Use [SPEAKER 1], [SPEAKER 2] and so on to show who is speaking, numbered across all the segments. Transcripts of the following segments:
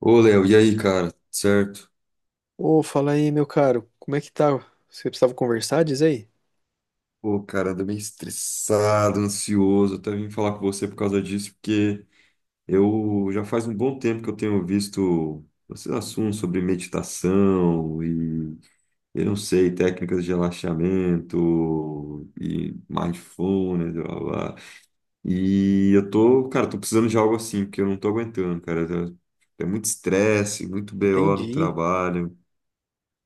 [SPEAKER 1] Ô, Léo, e aí, cara? Certo?
[SPEAKER 2] Ô, fala aí, meu caro, como é que tá? Você precisava conversar, diz aí?
[SPEAKER 1] Pô, cara, ando meio estressado, ansioso. Até vim falar com você por causa disso, porque eu já faz um bom tempo que eu tenho visto esses assuntos sobre meditação e, eu não sei, técnicas de relaxamento e mindfulness, blá, blá, blá. E eu tô, cara, tô precisando de algo assim, porque eu não tô aguentando, cara. É muito estresse, muito BO no
[SPEAKER 2] Entendi.
[SPEAKER 1] trabalho.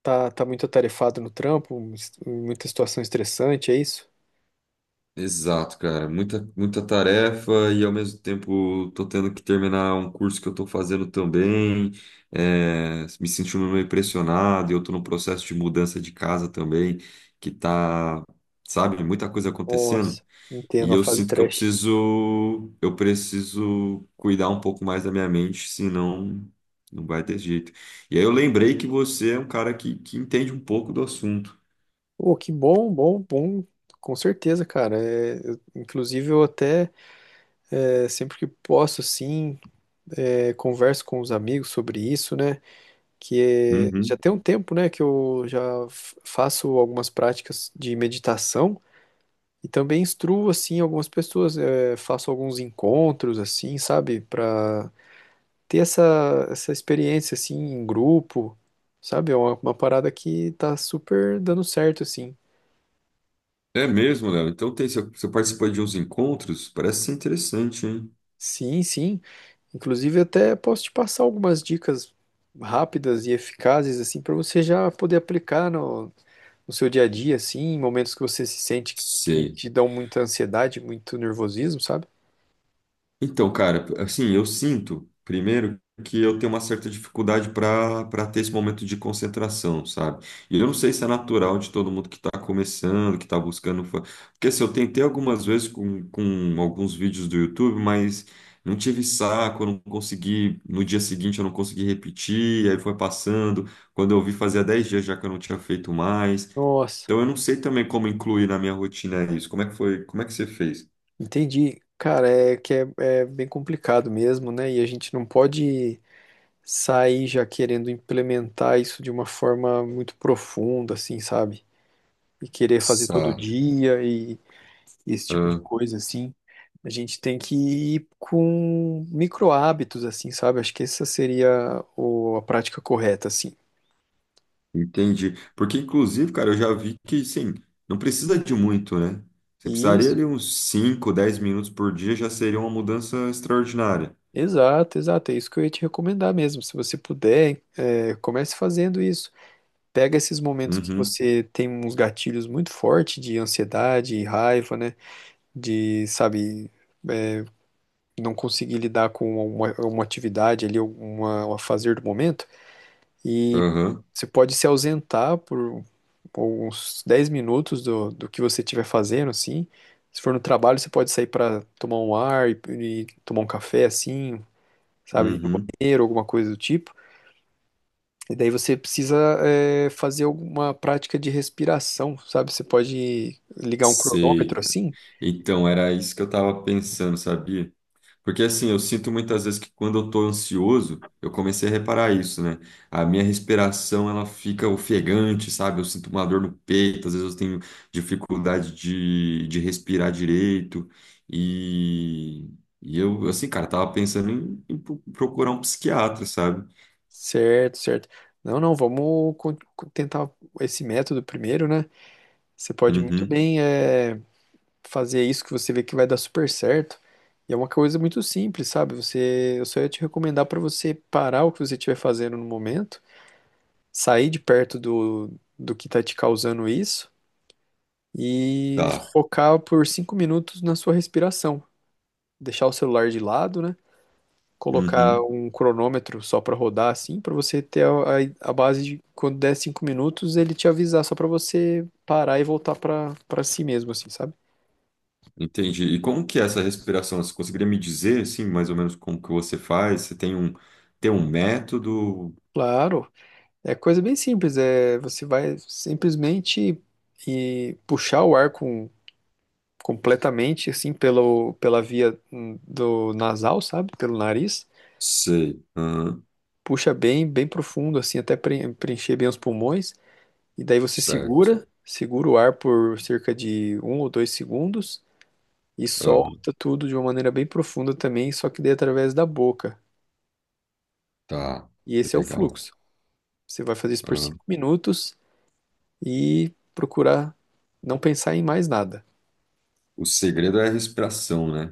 [SPEAKER 2] Tá, tá muito atarefado no trampo, muita situação estressante, é isso?
[SPEAKER 1] Exato, cara. Muita, muita tarefa e ao mesmo tempo tô tendo que terminar um curso que eu tô fazendo também. É, me sentindo meio pressionado e eu tô no processo de mudança de casa também, que tá, sabe, muita coisa acontecendo.
[SPEAKER 2] Nossa, entendo
[SPEAKER 1] E
[SPEAKER 2] a
[SPEAKER 1] eu
[SPEAKER 2] fase
[SPEAKER 1] sinto que eu
[SPEAKER 2] trash.
[SPEAKER 1] preciso, eu preciso cuidar um pouco mais da minha mente, senão não vai ter jeito. E aí eu lembrei que você é um cara que entende um pouco do assunto.
[SPEAKER 2] Ô, que bom, bom, bom, com certeza, cara. Inclusive, eu até sempre que posso, assim, converso com os amigos sobre isso, né? Já
[SPEAKER 1] Uhum.
[SPEAKER 2] tem um tempo, né, que eu já faço algumas práticas de meditação. E também instruo, assim, algumas pessoas, faço alguns encontros, assim, sabe? Pra ter essa experiência, assim, em grupo, sabe? É uma parada que tá super dando certo, assim.
[SPEAKER 1] É mesmo, Léo. Então tem, você participou de uns encontros? Parece ser interessante, hein?
[SPEAKER 2] Sim, sim. Inclusive, até posso te passar algumas dicas rápidas e eficazes, assim, para você já poder aplicar no seu dia a dia, assim, em momentos que você se sente que
[SPEAKER 1] Sei.
[SPEAKER 2] te dão muita ansiedade, muito nervosismo, sabe?
[SPEAKER 1] Então, cara, assim, eu sinto, primeiro, que eu tenho uma certa dificuldade para ter esse momento de concentração, sabe? E eu não sei se é natural de todo mundo que está começando, que está buscando. Porque assim, eu tentei algumas vezes com alguns vídeos do YouTube, mas não tive saco, eu não consegui. No dia seguinte eu não consegui repetir, aí foi passando. Quando eu vi, fazia 10 dias já que eu não tinha feito mais.
[SPEAKER 2] Nossa.
[SPEAKER 1] Então eu não sei também como incluir na minha rotina isso. Como é que foi? Como é que você fez?
[SPEAKER 2] Entendi. Cara, é bem complicado mesmo, né? E a gente não pode sair já querendo implementar isso de uma forma muito profunda, assim, sabe? E querer fazer todo
[SPEAKER 1] Sá.
[SPEAKER 2] dia e esse tipo de
[SPEAKER 1] Ah,
[SPEAKER 2] coisa, assim. A gente tem que ir com micro hábitos, assim, sabe? Acho que essa seria a prática correta, assim.
[SPEAKER 1] entendi. Porque inclusive, cara, eu já vi que sim, não precisa de muito, né? Você precisaria
[SPEAKER 2] Isso,
[SPEAKER 1] de uns 5, 10 minutos por dia já seria uma mudança extraordinária.
[SPEAKER 2] exato, exato. É isso que eu ia te recomendar mesmo. Se você puder, comece fazendo isso. Pega esses momentos que
[SPEAKER 1] Uhum.
[SPEAKER 2] você tem uns gatilhos muito fortes de ansiedade, raiva, né? De, sabe, é, não conseguir lidar com uma atividade ali, um fazer do momento, e
[SPEAKER 1] Aham.
[SPEAKER 2] você pode se ausentar por uns 10 minutos do que você estiver fazendo, assim. Se for no trabalho, você pode sair para tomar um ar e tomar um café, assim, sabe, ir no
[SPEAKER 1] Uhum.
[SPEAKER 2] banheiro, alguma coisa do tipo. E daí você precisa fazer alguma prática de respiração, sabe? Você pode ligar um
[SPEAKER 1] Sei,
[SPEAKER 2] cronômetro.
[SPEAKER 1] cara.
[SPEAKER 2] Sim, assim?
[SPEAKER 1] Então era isso que eu tava pensando, sabia? Porque assim, eu sinto muitas vezes que quando eu tô ansioso, eu comecei a reparar isso, né? A minha respiração, ela fica ofegante, sabe? Eu sinto uma dor no peito, às vezes eu tenho dificuldade de respirar direito. E, e eu, assim, cara, tava pensando em procurar um psiquiatra, sabe?
[SPEAKER 2] Certo, certo. Não, não, vamos tentar esse método primeiro, né? Você pode muito
[SPEAKER 1] Uhum,
[SPEAKER 2] bem fazer isso que você vê que vai dar super certo. E é uma coisa muito simples, sabe? Eu só ia te recomendar para você parar o que você estiver fazendo no momento, sair de perto do que está te causando isso e
[SPEAKER 1] tá.
[SPEAKER 2] focar por 5 minutos na sua respiração. Deixar o celular de lado, né? Colocar
[SPEAKER 1] Uhum,
[SPEAKER 2] um cronômetro só para rodar assim, para você ter a base de quando der 5 minutos ele te avisar só para você parar e voltar para si mesmo assim, sabe?
[SPEAKER 1] entendi. E como que é essa respiração? Você conseguiria me dizer, assim, mais ou menos como que você faz? Você tem um método?
[SPEAKER 2] Claro, é coisa bem simples, é você vai simplesmente puxar o ar com completamente assim pelo pela via do nasal, sabe? Pelo nariz.
[SPEAKER 1] Sei. Aham.
[SPEAKER 2] Puxa bem, bem profundo assim, até preencher bem os pulmões. E daí você
[SPEAKER 1] Certo.
[SPEAKER 2] segura o ar por cerca de um ou dois segundos e
[SPEAKER 1] Aham,
[SPEAKER 2] solta tudo de uma maneira bem profunda também, só que daí através da boca.
[SPEAKER 1] tá,
[SPEAKER 2] E esse é o
[SPEAKER 1] legal.
[SPEAKER 2] fluxo. Você vai fazer isso por
[SPEAKER 1] Aham.
[SPEAKER 2] 5 minutos e procurar não pensar em mais nada.
[SPEAKER 1] O segredo é a respiração, né?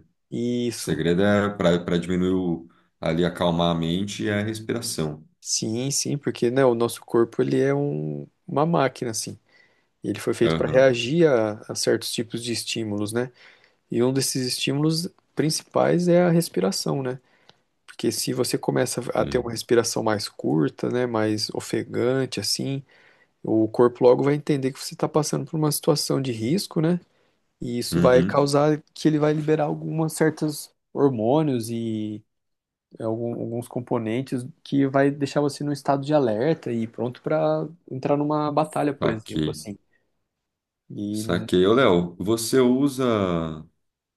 [SPEAKER 1] O
[SPEAKER 2] Isso.
[SPEAKER 1] segredo é para diminuir o, ali, acalmar a mente é a respiração.
[SPEAKER 2] Sim, sim, porque né, o nosso corpo ele é uma máquina, assim. Ele foi feito para
[SPEAKER 1] Aham.
[SPEAKER 2] reagir a certos tipos de estímulos, né? E um desses estímulos principais é a respiração, né? Porque se você começa a ter uma
[SPEAKER 1] Sim.
[SPEAKER 2] respiração mais curta, né, mais ofegante, assim, o corpo logo vai entender que você está passando por uma situação de risco, né? E isso vai
[SPEAKER 1] Uhum.
[SPEAKER 2] causar que ele vai liberar algumas certas hormônios e alguns componentes que vai deixar você num estado de alerta e pronto para entrar numa batalha, por exemplo,
[SPEAKER 1] Saquei.
[SPEAKER 2] assim. E
[SPEAKER 1] Saquei. Ô, Léo, você usa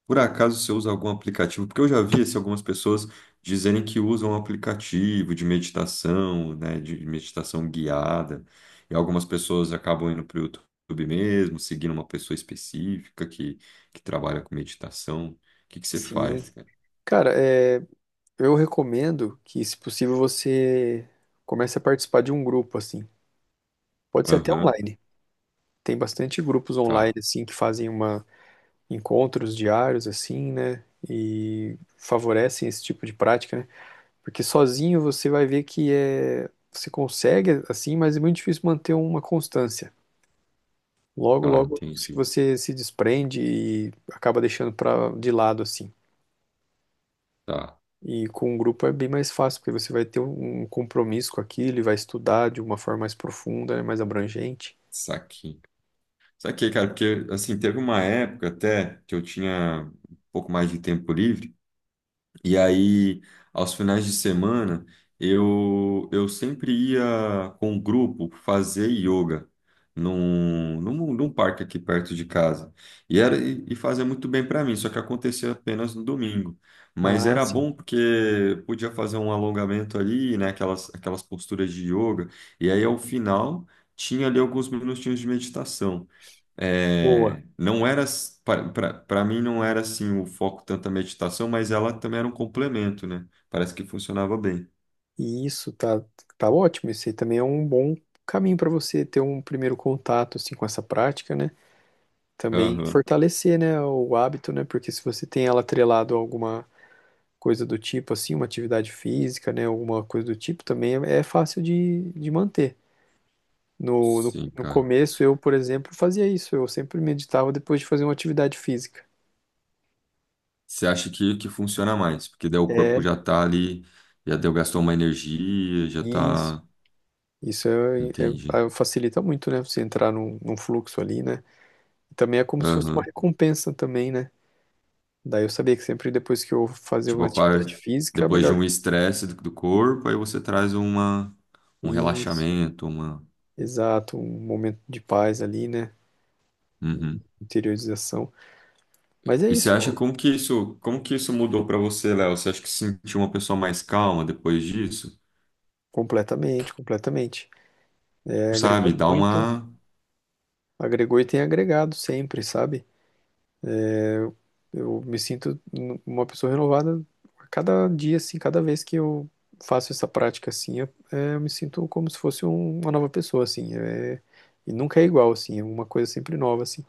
[SPEAKER 1] por acaso você usa algum aplicativo? Porque eu já vi assim, algumas pessoas dizerem que usam um aplicativo de meditação, né, de meditação guiada, e algumas pessoas acabam indo para o YouTube mesmo, seguindo uma pessoa específica que trabalha com meditação. O que que você faz,
[SPEAKER 2] sim,
[SPEAKER 1] cara?
[SPEAKER 2] cara, eu recomendo que, se possível, você comece a participar de um grupo, assim. Pode ser até
[SPEAKER 1] Aham,
[SPEAKER 2] online. Tem bastante grupos online
[SPEAKER 1] tá,
[SPEAKER 2] assim que fazem uma encontros diários assim, né? E favorecem esse tipo de prática, né? Porque sozinho você vai ver que é você consegue assim, mas é muito difícil manter uma constância. Logo,
[SPEAKER 1] tá,
[SPEAKER 2] logo
[SPEAKER 1] entendi.
[SPEAKER 2] você se desprende e acaba deixando para de lado assim.
[SPEAKER 1] Tá,
[SPEAKER 2] E com um grupo é bem mais fácil, porque você vai ter um compromisso com aquilo e vai estudar de uma forma mais profunda, né, mais abrangente.
[SPEAKER 1] saquei. Saquei, cara, porque assim, teve uma época até que eu tinha um pouco mais de tempo livre. E aí, aos finais de semana, eu sempre ia com um grupo fazer yoga num parque aqui perto de casa. E fazia muito bem para mim, só que acontecia apenas no domingo. Mas
[SPEAKER 2] Ah,
[SPEAKER 1] era
[SPEAKER 2] sim.
[SPEAKER 1] bom porque podia fazer um alongamento ali, né, aquelas posturas de yoga. E aí, ao final, tinha ali alguns minutinhos de meditação.
[SPEAKER 2] Boa.
[SPEAKER 1] É, para mim não era assim o foco tanto a meditação, mas ela também era um complemento, né? Parece que funcionava bem.
[SPEAKER 2] E isso tá, tá ótimo. Esse aí também é um bom caminho para você ter um primeiro contato assim com essa prática, né? Também
[SPEAKER 1] Aham.
[SPEAKER 2] fortalecer, né, o hábito, né? Porque se você tem ela atrelado a alguma coisa do tipo, assim, uma atividade física, né, alguma coisa do tipo, também é fácil de manter.
[SPEAKER 1] Sim,
[SPEAKER 2] No
[SPEAKER 1] cara.
[SPEAKER 2] começo, eu, por exemplo, fazia isso. Eu sempre meditava depois de fazer uma atividade física.
[SPEAKER 1] Você acha que funciona mais? Porque daí o corpo
[SPEAKER 2] É,
[SPEAKER 1] já tá ali, já deu, gastou uma energia, já
[SPEAKER 2] isso.
[SPEAKER 1] tá.
[SPEAKER 2] Isso é,
[SPEAKER 1] Entendi.
[SPEAKER 2] é- é- facilita muito, né? Você entrar num fluxo ali, né? Também é como se fosse uma
[SPEAKER 1] Aham.
[SPEAKER 2] recompensa também, né? Daí eu sabia que sempre depois que eu fazia
[SPEAKER 1] Tipo,
[SPEAKER 2] uma atividade física,
[SPEAKER 1] depois de
[SPEAKER 2] melhor.
[SPEAKER 1] um estresse do corpo, aí você traz uma, um
[SPEAKER 2] Isso,
[SPEAKER 1] relaxamento, uma.
[SPEAKER 2] exato, um momento de paz ali, né? De
[SPEAKER 1] Uhum.
[SPEAKER 2] interiorização. Mas é
[SPEAKER 1] E você
[SPEAKER 2] isso,
[SPEAKER 1] acha como que isso mudou pra você, Léo? Você acha que se sentiu uma pessoa mais calma depois disso?
[SPEAKER 2] completamente, completamente. É, agregou
[SPEAKER 1] Sabe, dá
[SPEAKER 2] muito,
[SPEAKER 1] uma.
[SPEAKER 2] agregou e tem agregado sempre, sabe? Eu me sinto uma pessoa renovada a cada dia, assim, cada vez que eu faço essa prática, assim, eu, eu me sinto como se fosse uma nova pessoa, assim. É, e nunca é igual, assim, é uma coisa sempre nova, assim.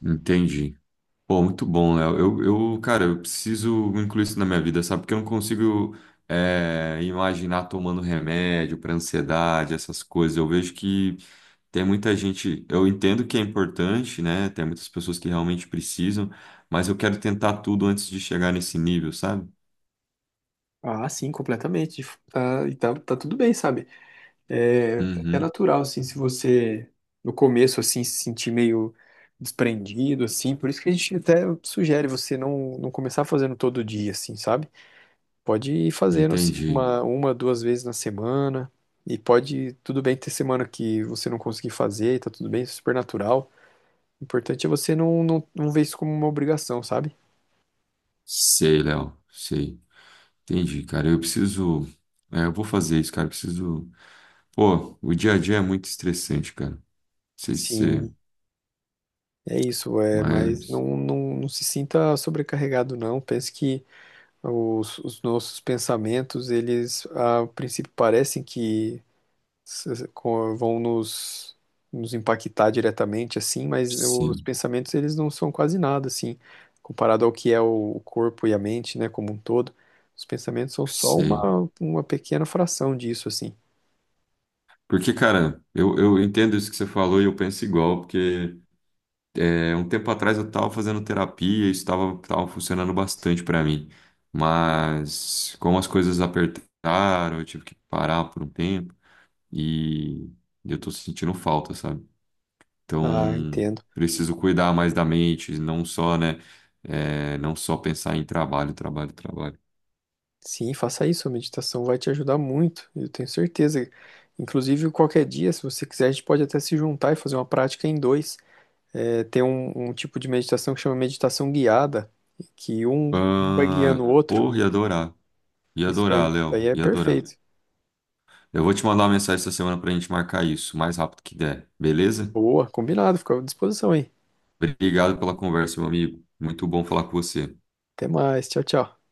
[SPEAKER 1] Entendi. Pô, muito bom, Léo. Cara, eu preciso incluir isso na minha vida, sabe? Porque eu não consigo, é, imaginar tomando remédio pra ansiedade, essas coisas. Eu vejo que tem muita gente. Eu entendo que é importante, né? Tem muitas pessoas que realmente precisam, mas eu quero tentar tudo antes de chegar nesse nível, sabe?
[SPEAKER 2] Ah, sim, completamente. Tá, tá tudo bem, sabe? É até
[SPEAKER 1] Uhum,
[SPEAKER 2] natural, assim, se você no começo, assim, se sentir meio desprendido, assim. Por isso que a gente até sugere você não começar fazendo todo dia, assim, sabe? Pode ir fazendo, assim,
[SPEAKER 1] entendi.
[SPEAKER 2] uma, 2 vezes na semana. E pode, tudo bem ter semana que você não conseguir fazer, e tá tudo bem, é super natural. O importante é você não ver isso como uma obrigação, sabe?
[SPEAKER 1] Sei, Léo, sei. Entendi, cara. Eu preciso. É, eu vou fazer isso, cara. Eu preciso. Pô, o dia a dia é muito estressante, cara. Não sei se. Você.
[SPEAKER 2] Sim, é isso, é, mas
[SPEAKER 1] Mas.
[SPEAKER 2] não se sinta sobrecarregado, não. Pense que os nossos pensamentos, eles, a princípio, parecem que vão nos impactar diretamente, assim, mas os
[SPEAKER 1] Sim,
[SPEAKER 2] pensamentos, eles não são quase nada, assim, comparado ao que é o corpo e a mente, né, como um todo. Os pensamentos são só
[SPEAKER 1] sei.
[SPEAKER 2] uma pequena fração disso, assim.
[SPEAKER 1] Porque, cara, eu entendo isso que você falou e eu penso igual, porque é, um tempo atrás eu tava fazendo terapia e isso tava, tava funcionando bastante pra mim. Mas como as coisas apertaram, eu tive que parar por um tempo e eu tô sentindo falta, sabe?
[SPEAKER 2] Ah,
[SPEAKER 1] Então,
[SPEAKER 2] entendo.
[SPEAKER 1] preciso cuidar mais da mente, não só, né? É, não só pensar em trabalho, trabalho, trabalho.
[SPEAKER 2] Sim, faça isso, a meditação vai te ajudar muito, eu tenho certeza. Inclusive, qualquer dia, se você quiser, a gente pode até se juntar e fazer uma prática em dois. É, tem um tipo de meditação que chama meditação guiada, que um vai
[SPEAKER 1] Ah,
[SPEAKER 2] guiando o outro.
[SPEAKER 1] pô, ia adorar. Ia adorar,
[SPEAKER 2] Isso
[SPEAKER 1] Léo.
[SPEAKER 2] aí é
[SPEAKER 1] Ia adorar.
[SPEAKER 2] perfeito.
[SPEAKER 1] Eu vou te mandar uma mensagem essa semana pra gente marcar isso, o mais rápido que der, beleza?
[SPEAKER 2] Boa, combinado, fica à disposição aí.
[SPEAKER 1] Obrigado pela conversa, meu amigo. Muito bom falar com você.
[SPEAKER 2] Até mais, tchau, tchau.